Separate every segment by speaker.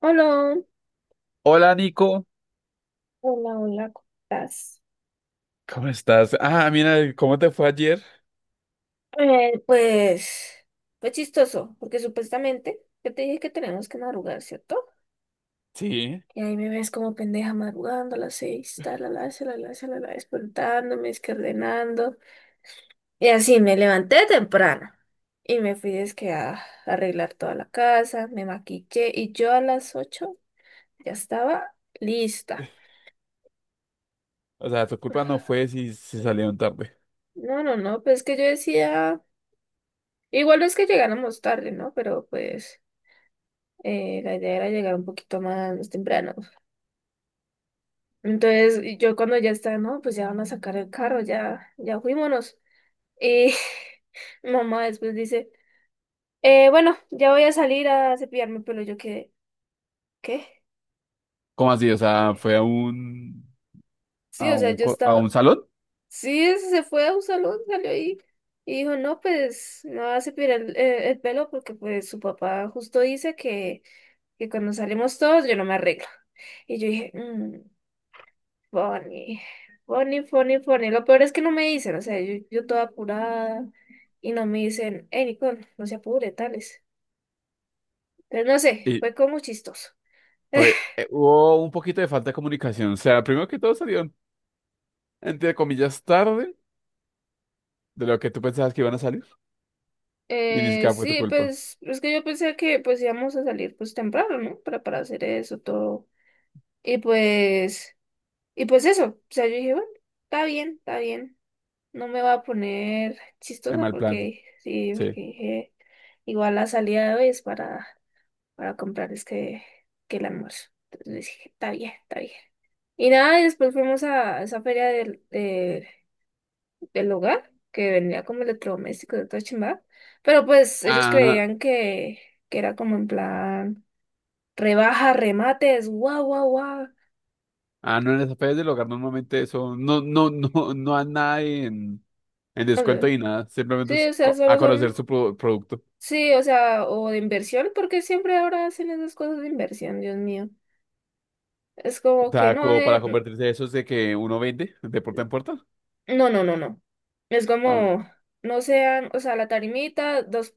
Speaker 1: Hola,
Speaker 2: Hola Nico,
Speaker 1: hola, hola, ¿cómo estás?
Speaker 2: ¿cómo estás? Ah, mira, ¿cómo te fue ayer?
Speaker 1: Pues fue chistoso, porque supuestamente yo te dije que tenemos que madrugar, ¿cierto?
Speaker 2: Sí,
Speaker 1: Y ahí me ves como pendeja madrugando a las 6, talalá, la talalá, despertándome, es que ordenando. Y así me levanté temprano y me fui es que a arreglar toda la casa, me maquillé y yo a las 8 ya estaba lista.
Speaker 2: o sea, tu culpa no fue si se salieron tarde.
Speaker 1: No, no, no, pues que yo decía, igual no es que llegáramos tarde, ¿no? Pero pues. La idea era llegar un poquito más temprano. Entonces, y yo cuando ya está, no, pues ya van a sacar el carro, ya, ya fuímonos. Y mi mamá después dice, "Bueno, ya voy a salir a cepillarme el pelo. Yo quedé, ¿qué?"
Speaker 2: ¿Cómo así? O sea, fue a un
Speaker 1: Sí,
Speaker 2: a
Speaker 1: o sea,
Speaker 2: un
Speaker 1: yo
Speaker 2: co- a
Speaker 1: estaba,
Speaker 2: un salón
Speaker 1: sí, se fue a un salón, salió ahí. Y dijo, no, pues no va a cepillar el pelo porque pues su papá justo dice que cuando salimos todos yo no me arreglo. Y yo dije, "Mm". Funny, funny, funny, funny. Lo peor es que no me dicen, o sea, yo toda apurada y no me dicen, hey, Nicole, no se apure, tales. Pero no sé,
Speaker 2: y
Speaker 1: fue como chistoso.
Speaker 2: fue hubo un poquito de falta de comunicación. O sea, primero que todo salieron entre comillas tarde de lo que tú pensabas que iban a salir y ni
Speaker 1: Eh,
Speaker 2: siquiera fue tu
Speaker 1: sí,
Speaker 2: culpa.
Speaker 1: pues es que yo pensé que pues íbamos a salir pues temprano, ¿no? Para hacer eso todo. Y pues, y pues eso, o sea, yo dije, bueno, está bien, está bien. No me va a poner
Speaker 2: En
Speaker 1: chistosa
Speaker 2: mal plan.
Speaker 1: porque, sí,
Speaker 2: Sí.
Speaker 1: porque dije, igual la salida de hoy es para comprarles que el almuerzo. Entonces dije, está bien, está bien. Y nada, y después fuimos a esa feria del hogar, que vendía como electrodomésticos de toda chimba. Pero pues ellos
Speaker 2: Ah,
Speaker 1: creían que era como en plan rebaja, remates, guau, guau, guau.
Speaker 2: no en las afueras del hogar normalmente eso no no hay nada en descuento
Speaker 1: Eh,
Speaker 2: ni nada, simplemente
Speaker 1: Sí
Speaker 2: es
Speaker 1: o sea, solo
Speaker 2: a conocer
Speaker 1: son,
Speaker 2: su producto.
Speaker 1: sí, o sea, o de inversión, porque siempre ahora hacen esas cosas de inversión, Dios mío. Es
Speaker 2: O
Speaker 1: como que
Speaker 2: sea,
Speaker 1: no,
Speaker 2: como para convertirse en esos de que uno vende de puerta en puerta.
Speaker 1: no, no, no, no. Es
Speaker 2: Ah,
Speaker 1: como, no sean, o sea, la tarimita, dos,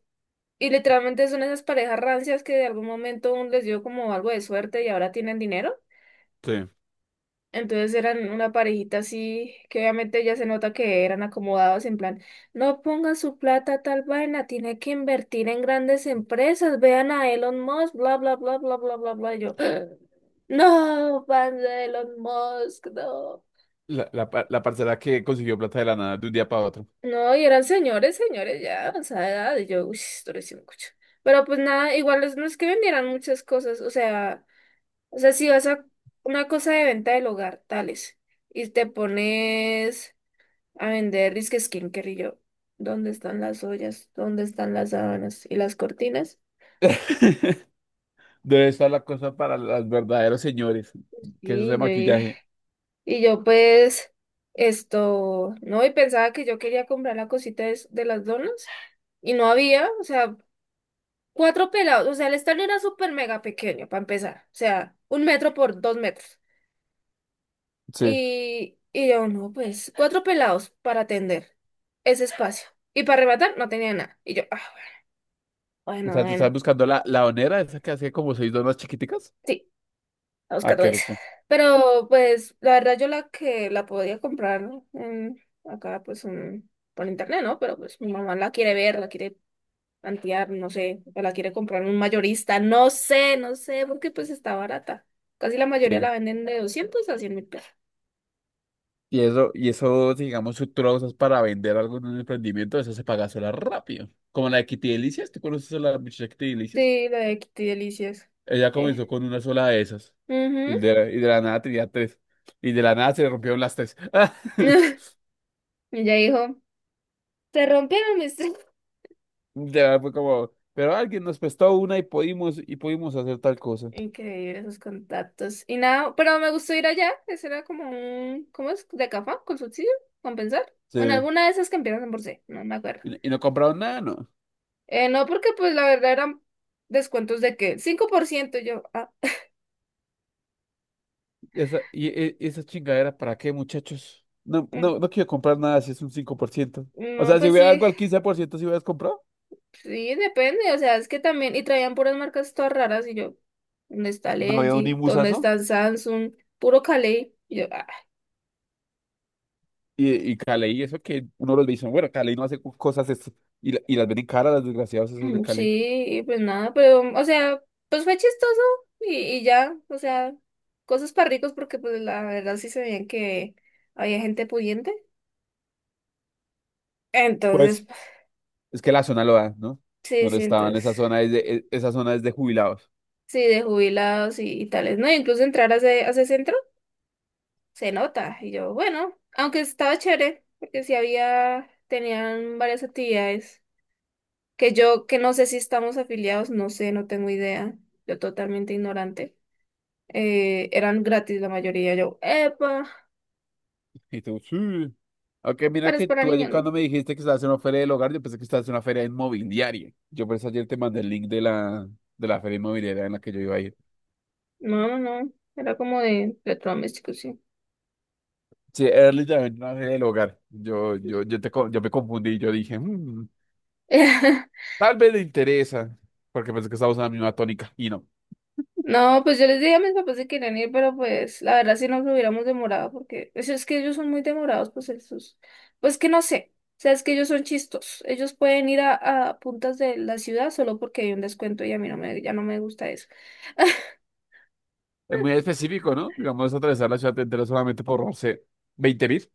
Speaker 1: y literalmente son esas parejas rancias que de algún momento un les dio como algo de suerte y ahora tienen dinero.
Speaker 2: sí.
Speaker 1: Entonces eran una parejita así, que obviamente ya se nota que eran acomodados en plan, no ponga su plata a tal vaina, tiene que invertir en grandes empresas, vean a Elon Musk, bla, bla, bla, bla, bla, bla, bla. Y yo, no, pan de Elon Musk, no.
Speaker 2: La parcela que consiguió plata de la nada de un día para otro.
Speaker 1: No, y eran señores, señores, ya de avanzada edad, y yo, uy, esto lo hice mucho. Pero pues nada, igual es- no es que vendieran muchas cosas, o sea, si vas a una cosa de venta del hogar, tales, y te pones a vender disque skincare y yo, ¿dónde están las ollas? ¿Dónde están las sábanas y las cortinas?
Speaker 2: Debe estar la cosa para los verdaderos señores, que es ese
Speaker 1: Y yo, dije-
Speaker 2: maquillaje.
Speaker 1: y, yo pues, esto, no, y pensaba que yo quería comprar la cosita de las donas, y no había, o sea, cuatro pelados, o sea, el estadio era súper mega pequeño para empezar, o sea, un metro por dos metros.
Speaker 2: Sí.
Speaker 1: Y yo, no, pues, cuatro pelados para atender ese espacio. Y para arrebatar no tenía nada. Y yo, ah,
Speaker 2: O
Speaker 1: bueno,
Speaker 2: sea, tú estás
Speaker 1: bueno,
Speaker 2: buscando la onera, esa que hace como seis donas chiquiticas.
Speaker 1: sí, a
Speaker 2: Ah,
Speaker 1: buscar
Speaker 2: qué
Speaker 1: eso.
Speaker 2: rico.
Speaker 1: Pero, pues, la verdad yo la que la podía comprar, ¿no? En- acá, pues, un- por internet, ¿no? Pero, pues, mi mamá la quiere ver, la quiere tantear, no sé, o la quiere comprar un mayorista, no sé, no sé, porque pues está barata. Casi la mayoría la
Speaker 2: Sí.
Speaker 1: venden de 200 a 100.000 pesos.
Speaker 2: Digamos, si tú lo usas para vender algo en un emprendimiento, eso se paga sola rápido. Como la de Kitty Delicias, ¿tú conoces a la muchacha Kitty Delicias?
Speaker 1: Sí, la de Kitty Delicias.
Speaker 2: Ella
Speaker 1: Eh.
Speaker 2: comenzó con una sola de esas. Y
Speaker 1: Ujú.
Speaker 2: de, la- y de la nada tenía tres. Y de la nada se le rompieron las tres.
Speaker 1: Y ya dijo, se rompieron mis... tre-".
Speaker 2: De Fue como, pero alguien nos prestó una y pudimos, hacer tal cosa.
Speaker 1: Increíble esos contactos. Y nada, pero me gustó ir allá. Ese era como un... ¿Cómo es? ¿De café? ¿Con subsidio? ¿Compensar?
Speaker 2: Sí.
Speaker 1: Bueno, alguna de esas que empiezan en por C, no me acuerdo.
Speaker 2: Y no compraron nada, ¿no?
Speaker 1: No, porque pues la verdad eran descuentos de que 5% yo... Ah,
Speaker 2: Esa chingadera, ¿para qué, muchachos? No,
Speaker 1: mm,
Speaker 2: no, no quiero comprar nada si es un 5%. O
Speaker 1: no,
Speaker 2: sea, si
Speaker 1: pues
Speaker 2: hubiera
Speaker 1: sí.
Speaker 2: algo al 15% si hubieras comprado,
Speaker 1: Sí, depende, o sea, es que también, y traían puras marcas todas raras, y yo, ¿dónde está el
Speaker 2: no había un
Speaker 1: LG? ¿Dónde
Speaker 2: imusazo.
Speaker 1: está el Samsung? Puro Calais. Y yo, ah,
Speaker 2: Y Cali, eso que uno los dice, bueno, Cali no hace cosas, y las ven en cara, las desgraciadas esas de
Speaker 1: Mm, sí,
Speaker 2: Cali.
Speaker 1: y pues nada, pero, o sea, pues fue chistoso, y ya, o sea, cosas para ricos, porque pues la verdad sí se veían que había gente pudiente.
Speaker 2: Puede
Speaker 1: Entonces,
Speaker 2: Es que la zona lo da, ¿no?
Speaker 1: sí,
Speaker 2: Donde
Speaker 1: sí,
Speaker 2: estaban,
Speaker 1: entonces,
Speaker 2: esa zona es de jubilados.
Speaker 1: sí, de jubilados y tales, ¿no? Incluso entrar a ese centro. Se nota. Y yo, bueno, aunque estaba chévere, porque sí había, tenían varias actividades que yo, que no sé si estamos afiliados, no sé, no tengo idea. Yo totalmente ignorante. Eran gratis la mayoría. Yo, epa,
Speaker 2: Y tú, sí. Aunque mira
Speaker 1: pero es
Speaker 2: que
Speaker 1: para
Speaker 2: tú ayer
Speaker 1: niños, ¿no?
Speaker 2: cuando me dijiste que estabas en una feria del hogar, yo pensé que estabas en una feria inmobiliaria. Yo por eso ayer te mandé el link de la feria inmobiliaria en la que yo iba a ir.
Speaker 1: No, no, no. Era como de electrodomésticos, sí.
Speaker 2: Sí, era literalmente una feria del hogar. Yo me confundí, yo dije, "Mm, tal vez le interesa, porque pensé que estábamos en la misma tónica. Y no.
Speaker 1: No, pues yo les dije a mis papás que querían ir, pero pues la verdad si nos hubiéramos demorado, porque es que ellos son muy demorados, pues esos, pues que no sé, o sea, es que ellos son chistos, ellos pueden ir a, puntas de la ciudad solo porque hay un descuento y a mí no me, ya no me gusta eso.
Speaker 2: Es muy específico, ¿no? Digamos, atravesar la ciudad entera solamente por, no sé, 20 mil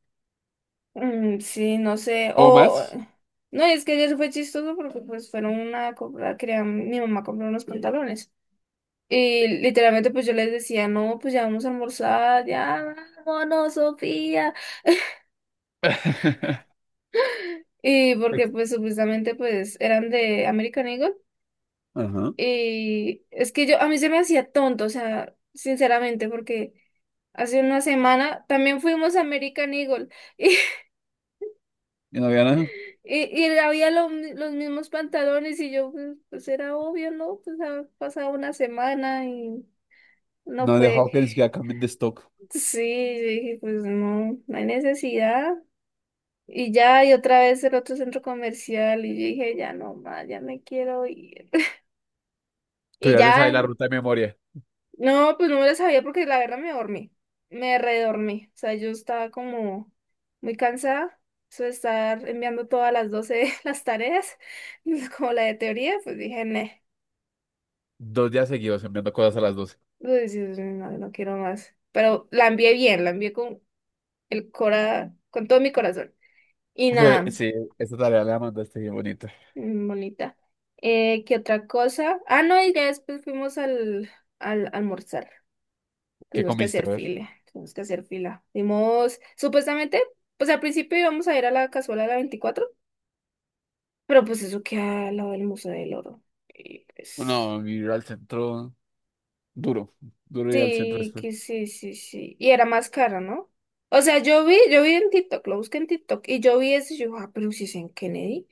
Speaker 1: Mm, sí, no sé,
Speaker 2: o
Speaker 1: o,
Speaker 2: más.
Speaker 1: no, es que ayer fue chistoso porque pues fueron a comprar, querían, mi mamá compró unos pantalones. Y literalmente pues yo les decía, no, pues ya vamos a almorzar, ya vámonos, Sofía. Y porque
Speaker 2: Ex-
Speaker 1: pues supuestamente pues eran de American Eagle.
Speaker 2: Ajá.
Speaker 1: Y es que yo, a mí se me hacía tonto, o sea, sinceramente, porque hace una semana también fuimos a American Eagle y,
Speaker 2: Y no había nada.
Speaker 1: y había lo mi- los mismos pantalones y yo pues, pues, era obvio, ¿no? Pues ha pasado una semana y no
Speaker 2: No han
Speaker 1: puede.
Speaker 2: dejado que ni siquiera cambien de stock.
Speaker 1: Sí, yo dije, pues no, no hay necesidad. Y ya, y otra vez el otro centro comercial y yo dije, ya no más, ya me quiero ir.
Speaker 2: Tú
Speaker 1: Y
Speaker 2: ya te sabes
Speaker 1: ya.
Speaker 2: la ruta de memoria.
Speaker 1: No, pues no me la sabía porque la verdad me dormí. Me redormí. O sea, yo estaba como muy cansada. Eso de estar enviando todas las 12 las tareas, como la de teoría, pues dije, "Neh".
Speaker 2: Dos días seguidos enviando cosas a las 12.
Speaker 1: Uy, sí, sí, no, no quiero más. Pero la envié bien, la envié con el cora, con todo mi corazón. Y
Speaker 2: Pues,
Speaker 1: nada,
Speaker 2: sí, esa tarea la mandaste bien bonita.
Speaker 1: mm, bonita. ¿Qué otra cosa? Ah, no, y ya después fuimos al, al almorzar.
Speaker 2: ¿Qué
Speaker 1: Tuvimos que
Speaker 2: comiste?
Speaker 1: hacer
Speaker 2: A ver.
Speaker 1: fila, tuvimos que hacer fila. Dimos, supuestamente, pues al principio íbamos a ir a la cazuela de la 24, pero pues eso queda al lado del Museo del Oro. Y pues,
Speaker 2: No, ir al centro duro. Duro ir al centro
Speaker 1: sí,
Speaker 2: después.
Speaker 1: que sí, sí, sí. Y era más cara, ¿no? O sea, yo vi en TikTok, lo busqué en TikTok, y yo vi eso y yo, ah, pero si es en Kennedy,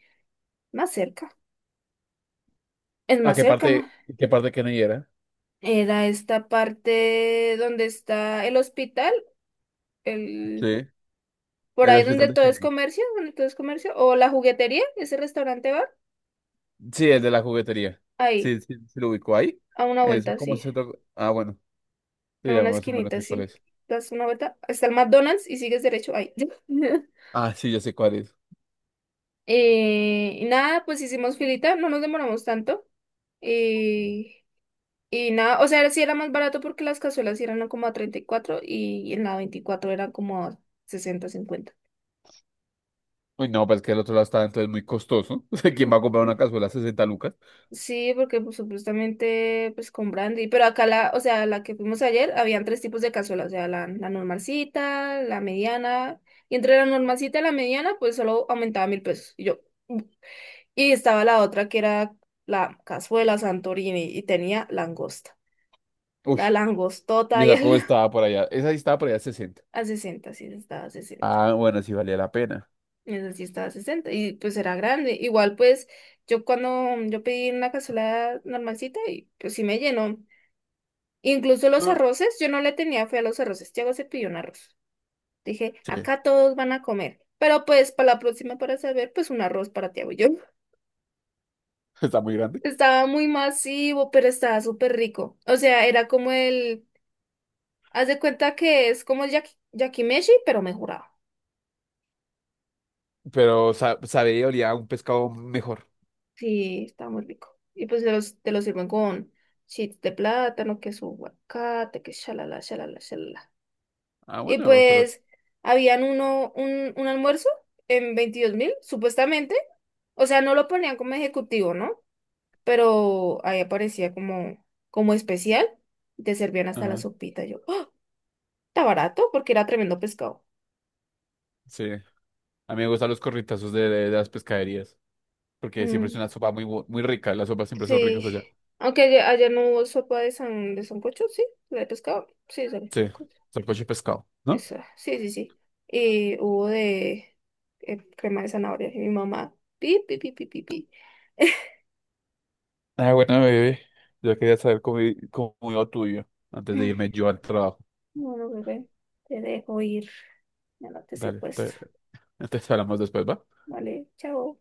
Speaker 1: más cerca, es
Speaker 2: ¿A
Speaker 1: más cerca, ma.
Speaker 2: qué parte de Kennedy era?
Speaker 1: Era esta parte donde está el hospital,
Speaker 2: Sí,
Speaker 1: el, por
Speaker 2: el
Speaker 1: ahí donde
Speaker 2: hospital de
Speaker 1: todo es
Speaker 2: Kennedy.
Speaker 1: comercio, donde todo es comercio, o la juguetería, ese restaurante va.
Speaker 2: Sí, el de la juguetería.
Speaker 1: Ahí,
Speaker 2: Sí, lo ubicó ahí.
Speaker 1: a una
Speaker 2: Ese es
Speaker 1: vuelta,
Speaker 2: como
Speaker 1: sí.
Speaker 2: centro. Ah, bueno. Sí,
Speaker 1: A
Speaker 2: ya
Speaker 1: una
Speaker 2: más o menos
Speaker 1: esquinita,
Speaker 2: sé cuál
Speaker 1: sí.
Speaker 2: es.
Speaker 1: Das una vuelta hasta el McDonald's y sigues derecho ahí.
Speaker 2: Ah, sí, ya sé cuál es.
Speaker 1: Y nada, pues hicimos filita, no nos demoramos tanto. Y, y nada, o sea, era- sí era más barato porque las cazuelas sí eran como a 34 y en la 24 eran como a 60, 50.
Speaker 2: Uy, no, pero es que el otro lado está entonces muy costoso. O sea, ¿quién va a comprar una cazuela a 60 lucas?
Speaker 1: Sí, porque pues, supuestamente pues con brandy, pero acá la, o sea, la que fuimos ayer, habían tres tipos de cazuela, o sea, la normalcita, la mediana, y entre la normalcita y la mediana, pues solo aumentaba 1.000 pesos. Y yo, "Mm". Y estaba la otra que era la cazuela Santorini y tenía langosta.
Speaker 2: Uy,
Speaker 1: La
Speaker 2: y
Speaker 1: langostota y
Speaker 2: esa cómo
Speaker 1: el,
Speaker 2: estaba por allá. Esa sí estaba por allá 60.
Speaker 1: a 60 sí, estaba a 60.
Speaker 2: Ah, bueno, sí valía la pena.
Speaker 1: Esa sí estaba a 60 y pues era grande. Igual pues yo cuando yo pedí una cazuela normalcita y pues sí me llenó. Incluso los
Speaker 2: Ah,
Speaker 1: arroces, yo no le tenía fe a los arroces. Tiago se pidió un arroz. Dije,
Speaker 2: sí,
Speaker 1: acá todos van a comer. Pero pues para la próxima, para saber, pues un arroz para Tiago y yo.
Speaker 2: está muy grande.
Speaker 1: Estaba muy masivo, pero estaba súper rico. O sea, era como el... Haz de cuenta que es como el yaki- yakimeshi, pero mejorado.
Speaker 2: Pero sabía y olía a un pescado mejor.
Speaker 1: Sí, estaba muy rico. Y pues te los sirven con chips de plátano, que su aguacate, que shalala, shalala, shalala.
Speaker 2: Ah,
Speaker 1: Y
Speaker 2: bueno, pero...
Speaker 1: pues habían un almuerzo en 22.000, supuestamente. O sea, no lo ponían como ejecutivo, ¿no? Pero ahí aparecía como, como especial. Y te servían hasta la
Speaker 2: Ajá,
Speaker 1: sopita. Yo, ¡oh! Está barato porque era tremendo pescado.
Speaker 2: sí. A mí me gustan los corritazos de las pescaderías, porque siempre es
Speaker 1: Mm,
Speaker 2: una sopa muy rica. Las sopas siempre son ricas
Speaker 1: sí.
Speaker 2: allá.
Speaker 1: Aunque allá, allá no hubo sopa de sancocho, sí, la de pescado. Sí, sale.
Speaker 2: Sí, salcoche de pescado, ¿no?
Speaker 1: Esa, sí, sí, sí. Y hubo de crema de zanahoria. Y mi mamá, pi, pi, pi, pi, pi, pi.
Speaker 2: Ah, bueno, bebé. Yo quería saber cómo iba tuyo antes de irme yo al trabajo.
Speaker 1: Bueno, bebé, te dejo ir. Ya no te
Speaker 2: Dale,
Speaker 1: secuestro.
Speaker 2: entonces hablamos después, ¿va?
Speaker 1: Vale, chao.